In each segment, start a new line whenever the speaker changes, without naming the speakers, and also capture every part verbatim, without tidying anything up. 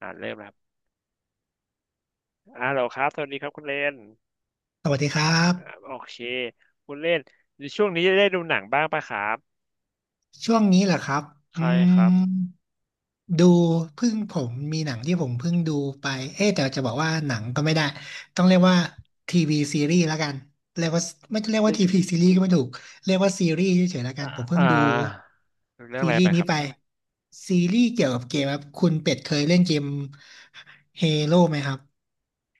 อ่าเริ่มแล้วครับอ่าเราครับสวัสดีครับคุณเลน
สวัสดีครั
อ่า
บ
โอเคคุณเลนในช่วงนี้ได้ดูหนังบ้างปะครับ
ช่วงนี้เหรอครับอื
ใช่ครับ
มดูเพิ่งผมมีหนังที่ผมเพิ่งดูไปเอ๊ะแต่จะบอกว่าหนังก็ไม่ได้ต้องเรียกว่าทีวีซีรีส์แล้วกันเรียกว่าไม่เรียกว่า
ได้
ทีวีซีรีส์ก็ไม่ถูกเรียกว่าซีรีส์เฉยๆแล้วกันผมเพิ่ง
อ่า
ดู
ดูเรื่องอะ
ซี
ไร
รี
ไป
ส์
ค
นี้
รับ
ไปซีรีส์เกี่ยวกับเกมครับคุณเป็ดเคยเล่นเกมเฮโร่ไหมครับ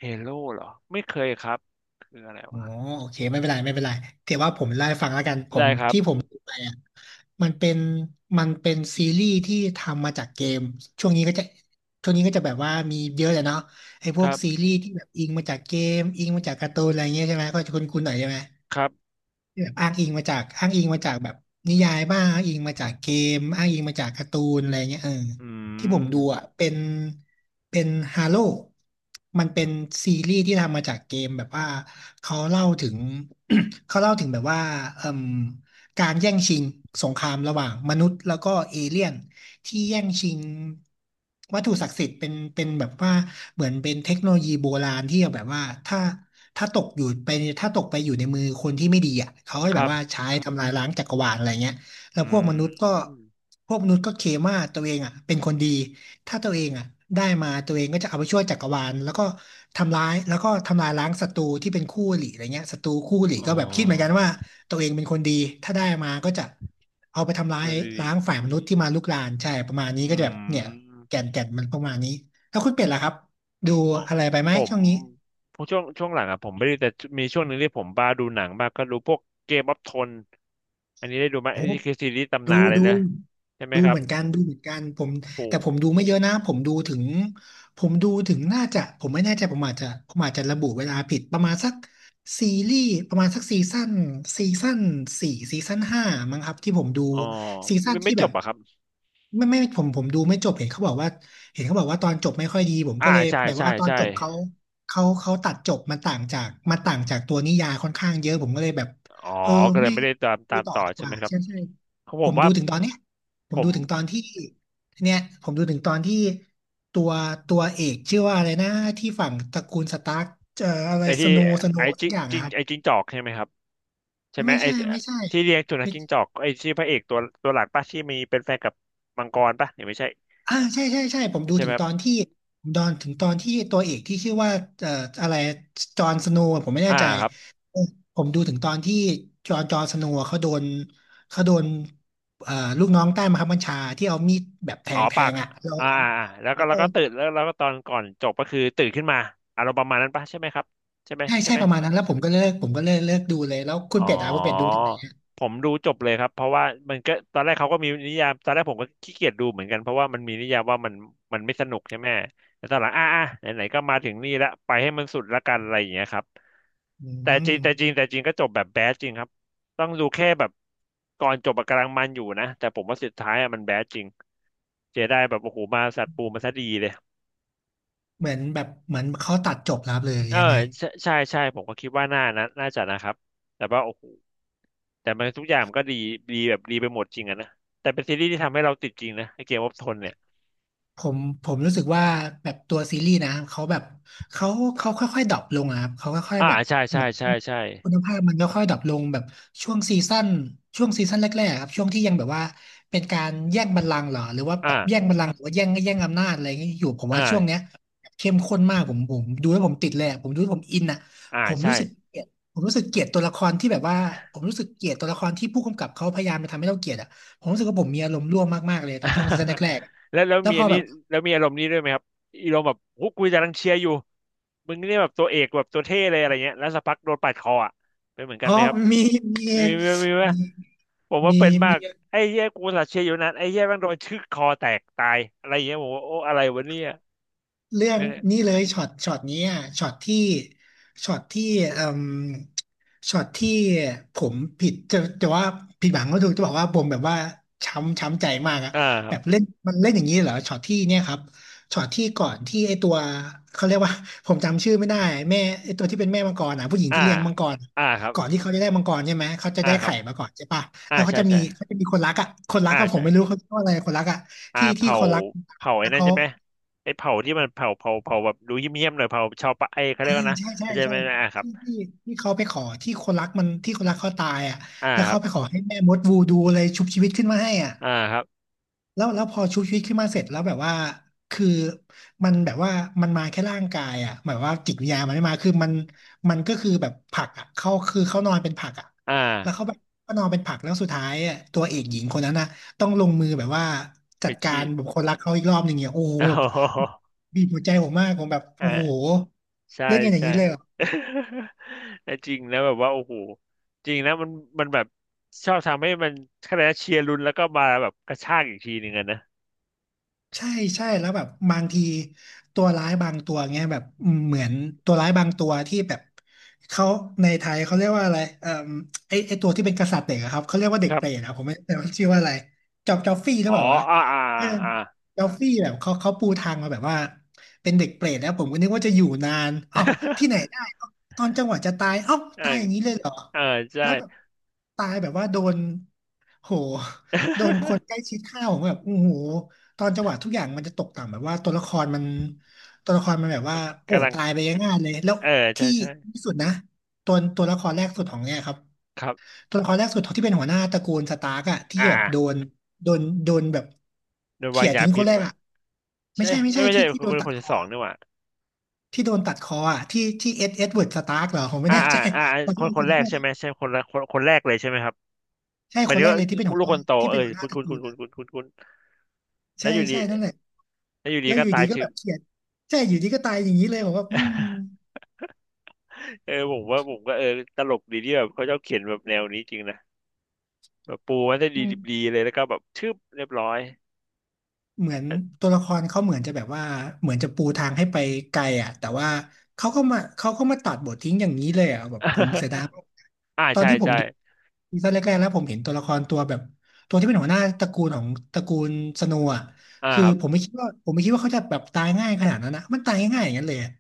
เฮโร่เหรอไม่เคยครับคืออะไร
อ๋อ
วะ
โอเคไม่เป็นไรไม่เป็นไรถือว่าผมเล่าให้ฟังแล้วกันผม
ได้ครับ
ที่ผมดูไปอ่ะมันเป็นมันเป็นซีรีส์ที่ทำมาจากเกมช่วงนี้ก็จะช่วงนี้ก็จะแบบว่ามีเยอะเลยเนาะไอ้พ
ค
วก
รั
ซี
บ
รีส์ที่แบบอิงมาจากเกมอิงมาจากการ์ตูนอะไรเงี้ยใช่ไหมก็จะคุ้นๆหน่อยใช่ไหม
ครับ
แบบอ้างอิงมาจากอ้างอิงมาจากแบบนิยายบ้างอ้างอิงมาจากเกมอ้างอิงมาจากการ์ตูนอะไรเงี้ยเออ
อื
ที่ผมดูอ่ะ
ม
เป็นเป็นฮาโลมันเป็นซีรีส์ที่ทำมาจากเกมแบบว่าเขาเล่าถึง เขาเล่าถึงแบบว่าเอ่มการแย่งชิงสงครามระหว่างมนุษย์แล้วก็เอเลี่ยนที่แย่งชิงวัตถุศักดิ์สิทธิ์เป็นเป็นแบบว่าเหมือนเป็นเทคโนโลยีโบราณที่แบบว่าถ้า ถ้าตกอยู่ไปถ้าตกไปอยู่ในมือคนที่ไม่ดีอ่ะเขาก็จะ
ค
แบ
รั
บ
บ
ว่าใช้ทำลายล้างจักรวาลอะไรเงี้ยแล้ว
อื
พวกมนุษย์ก็
ม
พวกมนุษย์ก็เคลมว่าตัวเองอ่ะเป็นคนดีถ้าตัวเองอ่ะได้มาตัวเองก็จะเอาไปช่วยจักรวาลแล้วก็ทำร้ายแล้วก็ทำลายล้างศัตรูที่เป็นคู่อริอะไรเงี้ยศัตรูคู่อริ
อ๋อ
ก็แบบคิดเหมือนกันว่าตัวเองเป็นคนดีถ้าได้มาก็จะเอาไปทำร้าย
วันนี
ล้างฝ่ายมนุษย์ที่มาลุกรานใช่ประมาณนี้
อื
ก็จะแบบเนี่ย
ม
แก่นแก่นมันประมาณนี้แล้วคุณเป็ดล่ะครับดู
อ๋อ
อะไรไปไหม
ผม
ช่วงนี้
พวกช่วงช่วงหลังอ่ะผมไม่ได้แต่มีช่วงหนึ่งที่ผมบ้าดูหนังบ้ากก็ดูพวกเกมออฟทนอันนี้ได้ดูไหม
โอ้
อันนี้คือซีรีส์ตำ
ดู
นานเลย
ดู
นะใช่ไหม
ดู
ครั
เห
บ
มือนกันดูเหมือนกันผม
โอ้โห
แต่ผมดูไม่เยอะนะผมดูถึงผมดูถึงน่าจะผมไม่แน่ใจผมอาจจะผมอาจจะระบุเวลาผิดประมาณสักซีรีส์ประมาณสักซีซั่นซีซั่นสี่ซีซั่นห้ามั้งครับที่ผมดู
อ๋อ
ซีซั่น
ไม่ไม่
ที่
จ
แบ
บ
บ
เหรอ่ะครับ
ไม่ไม่ผมผมดูไม่จบเห็นเขาบอกว่าเห็นเขาบอกว่าตอนจบไม่ค่อยดีผม
อ่า
ก็เลย
ใช่
แบบ
ใช่
ว่าตอน
ใช่
จบเขาเขาเขาตัดจบมันต่างจากมันต่างจากตัวนิยายค่อนข้างเยอะผมก็เลยแบบ
อ๋อ
เออ
ก็เลย
ไม่
ไม่ได้ตาม
ดู
ตาม
ต่อ
ต่อ
ดีก
ใช่ไห
ว่า
มครับ
ใช่ใช่
เพราะผ
ผ
ม
มดู
ว่า
ถึงตอนเนี้ยผ
ผ
มดู
ม
ถึงตอนที่เนี่ยผมดูถึงตอนที่ตัวตัวเอกชื่อว่าอะไรนะที่ฝั่งตระกูลสตาร์กเอ่ออะไร
ไอ้
ส
ที่
โนว์สโน
ไอ้
ว์สั
จิ
กอย่าง
จิ
อะ
ง
ครับ
ไอ้จิงจอกใช่ไหมครับใช่ไหม
ไม่
ไอ้
ใช่ไม่ใช่
ที่เลี้ยงสุนัขจิ้งจอกไอ้ที่พระเอกตัวตัวหลักป่ะที่มีเป็นแฟนกับมังกรป่ะหรือไม่ใช่
อ่าใช่ใช่ใช่ผม
ไม่
ดู
ใช่ไห
ถึ
ม
ง
ครั
ต
บ
อนที่ผมดอนถึงตอนที่ตัวเอกที่ชื่อว่าเอ่ออะไรจอห์นสโนว์ผมไม่แน่
อ่า
ใจ
ครับ
เออผมดูถึงตอนที่จอห์นจอห์นสโนว์เขาโดนเขาโดนเอ่อลูกน้องใต้บังคับบัญชาที่เอามีดแบบแท
อ๋อ
งแท
ปาก
งอ่ะแล้ว
อ่า
แล้ว
อ่าอ่าแล้ว
แล้
ก็
ว
แล้ว
ก็
ก็ตื่นแล้วแล้วก็ตอนก่อนจบก็คือตื่นขึ้นมาอารมณ์ประมาณนั้นปะใช่ไหมครับใช่ไหม
ใช่
ใช่
ใช่
ไหม
ประมาณนั้นแล้วผมก็เลิกผมก็เลิกเลิกดูเลยแล้วคุณ
อ๋อ
เป็ดอ่ะคุณเป็ดดูถึงไหนอะ
ผมดูจบเลยครับเพราะว่ามันก็ตอนแรกเขาก็มีนิยามตอนแรกผมก็ขี้เกียจดูเหมือนกันเพราะว่ามันมีนิยามว่ามันมันไม่สนุกใช่ไหมแต่ตอนหลังอ่ะอ่ะไหนๆก็มาถึงนี่ละไปให้มันสุดละกันอะไรอย่างเงี้ยครับ
อื
แต่จริง
ม
แต่จริงแต่จริงก็จบแบบแบดจริงครับต้องดูแค่แบบก่อนจบอะกำลังมันอยู่นะแต่ผมว่าสุดท้ายอะมันแบดจริงเจไดแบบโอ้โหมาสัตว์ปูมาซะดีเลย
เหมือนแบบเหมือนเขาตัดจบแล้วเลย
เออ
ยังไง
ใช่ใช่ใช่ผมก็คิดว่าน่านะน่าจะนะครับแต่ว่าโอ้โหแต่มันทุกอย่างมันก็ดีดีแบบดีไปหมดจริงอะนะแต่เป็นซีรีส์ที่ทำให้เราติดจริงนะไอเกมวอฟทนเนี่ย
ผมผมรู้สึกว่าแบบตัวซีรีส์นะเขาแบบเขาเขาค่อยๆดรอปลงอะครับเขาค่อย
อ่า
ๆแบบ
ใช่
เห
ใช่
มือน
ใช่ใช่
คุณภาพมันค่อยๆดรอปลงแบบช่วงซีซั่นช่วงซีซั่นแรกๆครับช่วงที่ยังแบบว่าเป็นการแย่งบัลลังก์เหรอหรือว่าแบ
อ่า
บแย่งบัลลังก์หรือว่าแย่งแย่งอำนาจอะไรอย่างเงี้ยอยู่ผม
อ่
ว่าช่วง
า
เนี้ยเข้มข้นมากผมผมดูแล้วผมติดเลยอะผมดูแล้วผมอินอะ
อ่า
ผม
ใช่
รู้สึกเกลียดผมรู้สึกเกลียดตัวละครที่แบบว่าผมรู้สึกเกลียดตัวละครที่ผู้กำกับเขาพยายามจะทำให้เราเกลียดอ่ะผมรู้สึกว่าผมมีอารมณ์ร่วมมากๆเลยตอนช่วงซีซั่นแร ก
แล้วแล้ว
ๆแล้ว
มี
พ
อั
อ
น
แบ
นี้
บ
แล้วมีอารมณ์นี้ด้วยไหมครับอารมณ์แบบฮุกกูจะรังเชียร์อยู่มึงนี่แบบตัวเอกแบบตัวเท่เลยอะไรเงี้ยแล้วสักพักโดนปาดคออ่ะเป็นเหมือนกั
อ๋
น
อ
ไหมครับ
มี มี
มีไหมมีไหม
มี
ผมว่า
มี
เป็นมา
มีมี
กไอ้เหี้ยกูอุตสัตว์เชียร์อยู่นั้นไอ้เหี้ยแม่งโดนชึกคอแตกตายอะไรอย่างเงี้ยผมว่าโอ้อะไรวะเนี่ย
เรื่อง
เม่
นี้เลยช็อตช็อตนี้อะช็อตที่ช็อตที่เอ่มช็อตที่ผมผิดจะจะว่าผิดหวังก็ถูกจะบอกว่าผมแบบว่าช้ำช้ำใจมากอะ
อ่าครั
แบ
บ
บเล่นมันเล่นอย่างนี้เหรอช็อตที่เนี่ยครับช็อตที่ก่อนที่ไอตัวเขาเรียกว่า ผมจำชื่อไม่ได้แม่ไอตัวที่เป็นแม่มังกรอ่ะผู้หญิง
อ่า
ที่เลี้ยงมังกร
อ่าครับ
ก่อนที่เขาจะได้มังกรใช่ไหมเขาจะ
อ่า
ได้
ครับ
ไข่มาก่อนใช่ปะ
อ่า
แล้วเขา
ใช่
จะมี
ใช่
เขาจะมีคนรักอ่ะคนรัก
อ่า
ก็ผม
ใช่
ไม่รู้เขาเรียกว่าอะไรคนรักอ่ะ
อ่า
ที่ที่
เผา
คนรัก
เผาไอ้
แล้ว
นั่น
เขา
ใช่ไหมไอ้เผาที่มันเผาเผาเผาแบบดูเยี่ยมๆหน่อยเผาชาวปะไอ้เขาเรี
อ่า
ยกว่านะ
ใช่ใช่
ใช่ไห
ใช่
มอ่าครับ
ที่ที่ที่เขาไปขอที่คนรักมันที่คนรักเขาตายอ่ะ
อ่า
แล้ว
ครั
เขา
บ
ไปขอให้แม่มดวูดูอะไรชุบชีวิตขึ้นมาให้อ่ะ
อ่าครับ
แล้วแล้วพอชุบชีวิตขึ้นมาเสร็จแล้วแบบว่าคือมันแบบว่ามันมาแค่ร่างกายอ่ะหมายว่าจิตวิญญาณมันไม่มาคือมันมันก็คือแบบผักอ่ะเขาคือเขานอนเป็นผักอ่ะ
อ่า
แล้วเขาแบบก็นอนเป็นผักแล้วสุดท้ายอ่ะตัวเอกหญิงคนนั้นอ่ะต้องลงมือแบบว่า
ไป
จัดกา
ชี
ร
พ
แบบคนรักเขาอีกรอบหนึ่งเนี่ยโอ้โห
อ๋
แบบ
อ
บีบหัวใจผมมากผมแบบ
อ่า
โอ้โห
ใช่
เล่นกันอย่าง
ใช่
นี้เลยเหรอ
แต่จริงนะแบบว่าโอ้โหจริงนะมันมันแบบชอบทำให้มันคะแนนเชียร์ลุ้นแล้วก็มาแบบกระชากอีกทีหนึ่งอะนะ
ใช่ใช่แล้วแบบบางทีตัวร้ายบางตัวเงี้ยแบบอืมเหมือนตัวร้ายบางตัวที่แบบเขาในไทยเขาเรียกว่าอะไรเอ่อไอไอตัวที่เป็นกษัตริย์เด็กอะครับเขาเรียกว่าเด็
ค
ก
รั
เป
บ
รตอะผมไม่แต่ว่าชื่อว่าอะไรจอบจอฟฟี่หรือ
อ๋อ
เปล่าวะ
อ่าอ่า
เออ
อ่า
จอฟฟี่แบบเขาเขาปูทางมาแบบว่าเป็นเด็กเปรตแล้วผมก็นึกว่าจะอยู่นานเอ้าที่ไหนได้ เอ้าตอนจังหวะจะตายเอ้า
เออ
ตายอย่างนี้เลยเหรอ
เออใช่
แล้วแบบตายแบบว่าโดนโหโดนคนใกล้ชิดฆ่าผมแบบโอ้โห ตอนจังหวะทุกอย่างมันจะตกต่ำแบบว่าตัวละครมันตัวละครมันแบบ
มั
ว่า
น
โอ้
กำลัง
ตายไปง่ายๆเลยแล้ว
เออใช่
ที่
ใช่
ที่สุดนะตัวตัวละครแรกสุดของเนี่ยครับ
ครับ
ตัวละครแรกสุดที่เป็นหัวหน้าตระกูลสตาร์กอะที่
อ่า
แบบ
อ่า
โดนโดนโดนแบบ
โดนวา
เขี่
ง
ย
ยา
ทิ้งค
พิ
น
ษ
แรก
ปะ
อะไม่
ใช่
ใช่ไม่
ไม่
ใช่
ไม่ใช่
ที่ที่
คน
โด
ค
น
น
ตั
ค
ด
น
ค
ที่
อ
สองนี่หว่า
ที่โดนตัดคออะที่ที่เอ็ดเอ็ดเวิร์ดสตาร์กเหรอผมไม่
อ่า
แน่
อ่า
ใจ
อ่าอ
ขอ
ค
โท
น
ษ
ค
ข
น
อ
แร
โท
ก
ษ
ใช่ไหมใช่คนละคนคนแรกเลยใช่ไหมครับ
ใช่
หมา
ค
ย
น
ถึง
แรก
ว่า
เลยที่เป็นหัว
ลู
ห
ก
น้า
คนโต
ที่
เอ
เป็
อ
นหัวหน้า
คุณ
ตระ
คุณ
กู
คุณ
ล
คุณ
อะ
คุณคุณคุณแล้
ใช่
วอยู่ดี
ใช่นั่นแหละ
แล้วอยู่ดี
แล้วอ
ก็
ยู่
ตา
ดี
ยเฉ
ก็แบ
ย
บเขี่ยใช่อยู่ดีก็ตายอย่างนี้เลยผมว่าอืม
เออผมว่าผมก็เออตลกดีที่แบบเขาชอบเขียนแบบแนวนี้จริงนะแบบปูมันได้
อื
ดี
ม
ดีเลยแล้วก็แบบชึบเรียบร้อย
เหมือนตัวละครเขาเหมือนจะแบบว่าเหมือนจะปูทางให้ไปไกลอ่ะแต่ว่าเขาก็มาเขาก็มาตัดบททิ้งอย่างนี้เลยอ่ะแบบผมเสียดายมาก
อ่า
ตอน
ใช่
ที่ผม
ใช่
ดูซีซั่นแรกๆแล้วผมเห็นตัวละครตัวแบบตัวที่เป็นหัวหน้าตระกูลของตระกูลสโนว์อ่ะ
อ่า
คือ
ครับ
ผมไม่คิดว่าผมไม่คิดว่าเขาจะแบบตายง่ายขนาดนั้นนะมันตายง่ายอย่างนั้นเลยอะ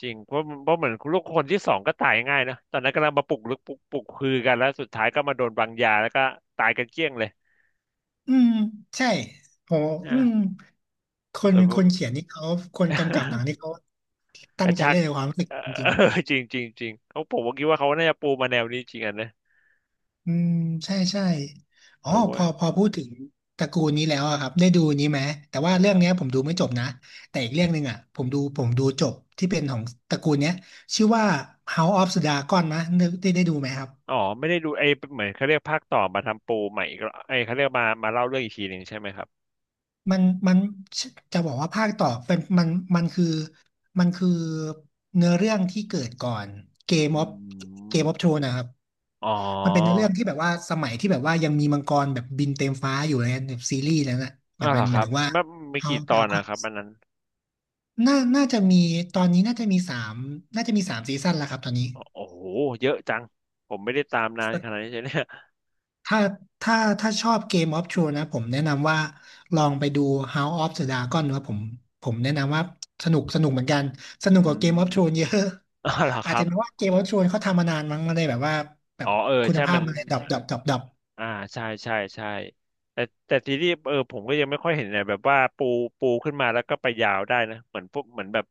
จริงเพราะเพราะเหมือนลูกคนที่สองก็ตายง่ายนะตอนนั้นกำลังมาปลุกลึกปลุกปลุกคือกันแล้วสุดท้ายก็มาโดนวางยาแล้วก็ตายกันเกลี้ยงเลย
อืมใช่โหอืม
นะ
คน
แบบ
คนเขียนนี่เขาคนกำกับหนังนี่ เขา
ก
ตั้ง
ระ
ใจ
ชาก
เล่นในความรู้สึก
เอ
จ
อ
ริง
จริงจริงจริงเขาผมก็คิดว่าเขาน่าจะปูมาแนวนี้จริงอ่ะนะ
อืมใช่ใช่อ๋
ผ
อ
ม
พ
ว่า
อพอพูดถึงตระกูลนี้แล้วอะครับได้ดูนี้ไหมแต่ว่า
อะไร
เรื่องเนี้ยผมดูไม่จบนะแต่อีกเรื่องหนึ่งอะผมดูผมดูจบที่เป็นของตระกูลเนี้ยชื่อว่า House of the Dragon นะนึกได้ได้ดูไหมครับ
อ๋อไม่ได้ดูไอ้เหมือนเขาเรียกภาคต่อมาทำปูใหม่อีกรอบไอ้เขาเรียกมามาเล่าเรื่องอีกทีหนึ่งใช่ไหมครับ
มันมันจะบอกว่าภาคต่อเป็นมันมันคือมันคือเนื้อเรื่องที่เกิดก่อนเกม
อื
ออฟเกมออฟ
ม
โทรนะครับ
อ๋อ
มันเป็นเนื้อเรื่องที่แบบว่าสมัยที่แบบว่ายังมีมังกรแบบบินเต็มฟ้าอยู่เลยนะแบบซีรีส์แล้วนะแบ
อ้า
บ
วเห
มั
ร
น
อ
ห
ค
มาย
รับ
ถึงว่า
มันไม่
เฮา
กี่
ส์
ต
ด
อ
รา
น
กอ
นะ
น
ครับอันนั้น
น่าน่าจะมีตอนนี้น่าจะมีสามน่าจะมีสามซีซั่นแล้วครับตอนนี้
อ๋อโอ้โหเยอะจังผมไม่ได้ตามนานขนาดนี้ใช่เนี่ย
ถ้าถ้าถ้าชอบ Game of Thrones นะผมแนะนำว่าลองไปดู House of the Dragon นะผมผมแนะนำว่าสนุกสนุกเหมือนกันสนุก
อื
กว่า Game of Thrones
ม
เยอะ
อ้าวเหรอ ค
อาจ
รั
จะ
บ
เป็นเพราะว่า Game of Thrones เขาทำมานานมั้งมันเลยแบบว่าแบ
อ๋อ
บ
เออ
คุณ
ใช่
ภา
มั
พ
น
มันเลยดรอปดรอปดรอปดรอป
อ่าใช่ใช่ใช่แต่แต่ทีนี้เออผมก็ยังไม่ค่อยเห็นเนี่ยแบบว่าปูปูขึ้นมาแล้วก็ไปยาวได้นะเหมือนพวกเหมือนแบบ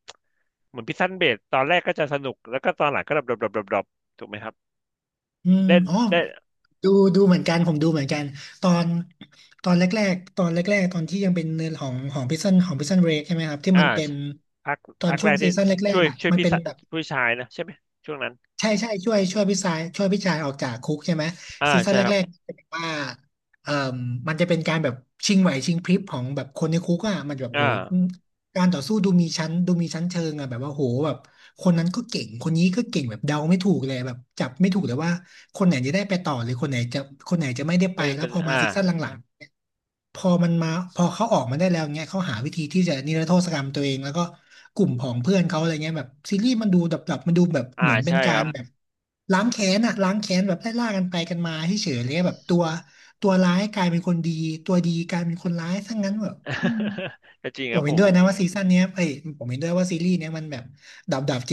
เหมือนพิซซันเบดตอนแรกก็จะสนุกแล้วก็ตอนหลังก็ดรอปดรอปดรอปดรอปถูกไหมครับ
อืม
ได้
อ๋อ
ได้
ดูดูเหมือนกันผมดูเหมือนกันตอนตอนแรกๆตอนแรกๆตอนที่ยังเป็นเนื้อของของพิซซันของพิซซันเบรกใช่ไหมครับที่
อ่า
มันเป็น
พัก
ตอน
พัก
ช่
แร
วง
ก
ซี
ที่
ซั่นแร
ช่ว
ก
ย
ๆอ่ะ
ช่วย
มัน
พี่
เป็น
สะ
แบบ
ผู้ชายนะใช่ไหมช่วงนั้น
ใช่ใช่ช่วยช่วยพี่ชายช่วยพี่ชายออกจากคุกใช่ไหม
อ่า
ซีซั่น
ใช่
แร
ครับ
กๆจะแบบว่าเอ่อมันจะเป็นการแบบชิงไหวชิงพริบของแบบคนในคุกอ่ะมันจะแบบ
อ่
โห
า
การต่อสู้ดูมีชั้นดูมีชั้นเชิงอ่ะแบบว่าโหแบบคนนั้นก็เก่งคนนี้ก็เก่งแบบเดาไม่ถูกเลยแบบจับไม่ถูกเลยว่าคนไหนจะได้ไปต่อหรือคนไหนจะคนไหนจะไม่ได้ไป
ไม่
แล้ว
เป็น
พอมา
อ่า
ซีซั่นหลังๆ พอมันมาพอเขาออกมาได้แล้วเงี้ยเขาหาวิธีที่จะนิรโทษกรรมตัวเองแล้วก็กลุ่มของเพื่อนเขาอะไรเงี้ยแบบซีรีส์มันดูดับดับมันดูแบบ
อ่า
เหมือนเป็น
ใช่
กา
ครั
ร
บ
แบบล้างแค้นอะล้างแค้นแบบไล่ล่ากันไปกันมาเฉยๆเลยแบบตัวตัวร้ายกลายเป็นคนดีตัวดีกลายเป็นคนร้ายทั้งนั้นแบบอืม
ก็จริง
ผ
ครั
ม
บ
เห็
ผ
น
ม
ด้วยนะว่าซีซั่นเนี้ยเอ้ยผมเห็นด้วยว่าซีรีส์เนี้ยมันแบบดับๆ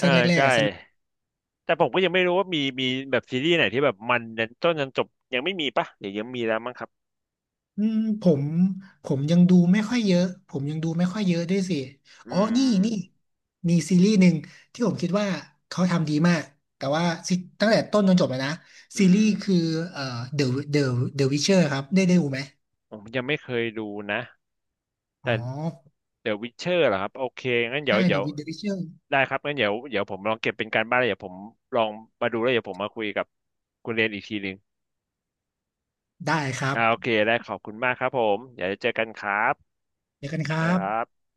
อ่าใช่แต่ผมก็ยังไม่รู้ว่ามีมีแบบซีรีส์ไหนที่แบบมันยันต้นยันจบยังไม่มีปะเดี๋ยวยังมีแล้วมั้งครับ
อืมผมผมยังดูไม่ค่อยเยอะผมยังดูไม่ค่อยเยอะด้วยสิ
อื
อ๋อนี่
ม
นี่มีซีรีส์หนึ่งที่ผมคิดว่าเขาทำดีมากแต่ว่าซตั้งแต่ต้นจนจบเลยนะซี
อืม
รีส์คือเอ่อ The The The Witcher ครับได้ได้ดูไหม
ผมยังไม่เคยดูนะ
อ๋
แต่
อ
เดี๋ยววิเชอร์เหรอครับโอเคงั้นเดี๋ยว
ใช่
เดี๋
The
ยว
Wit- The Witcher
ได้ครับงั้นเดี๋ยวเดี๋ยวผมลองเก็บเป็นการบ้านแล้วเดี๋ยวผมลองมาดูแล้วเดี๋ยวผมมาคุยกับคุณเรนอีกทีหนึ่ง
ได้ครับ
อ่าโอเคได้ขอบคุณมากครับผมเดี๋ยวเจอกันครับ
เดี๋ยวกันครั
นะ
บ
ครับ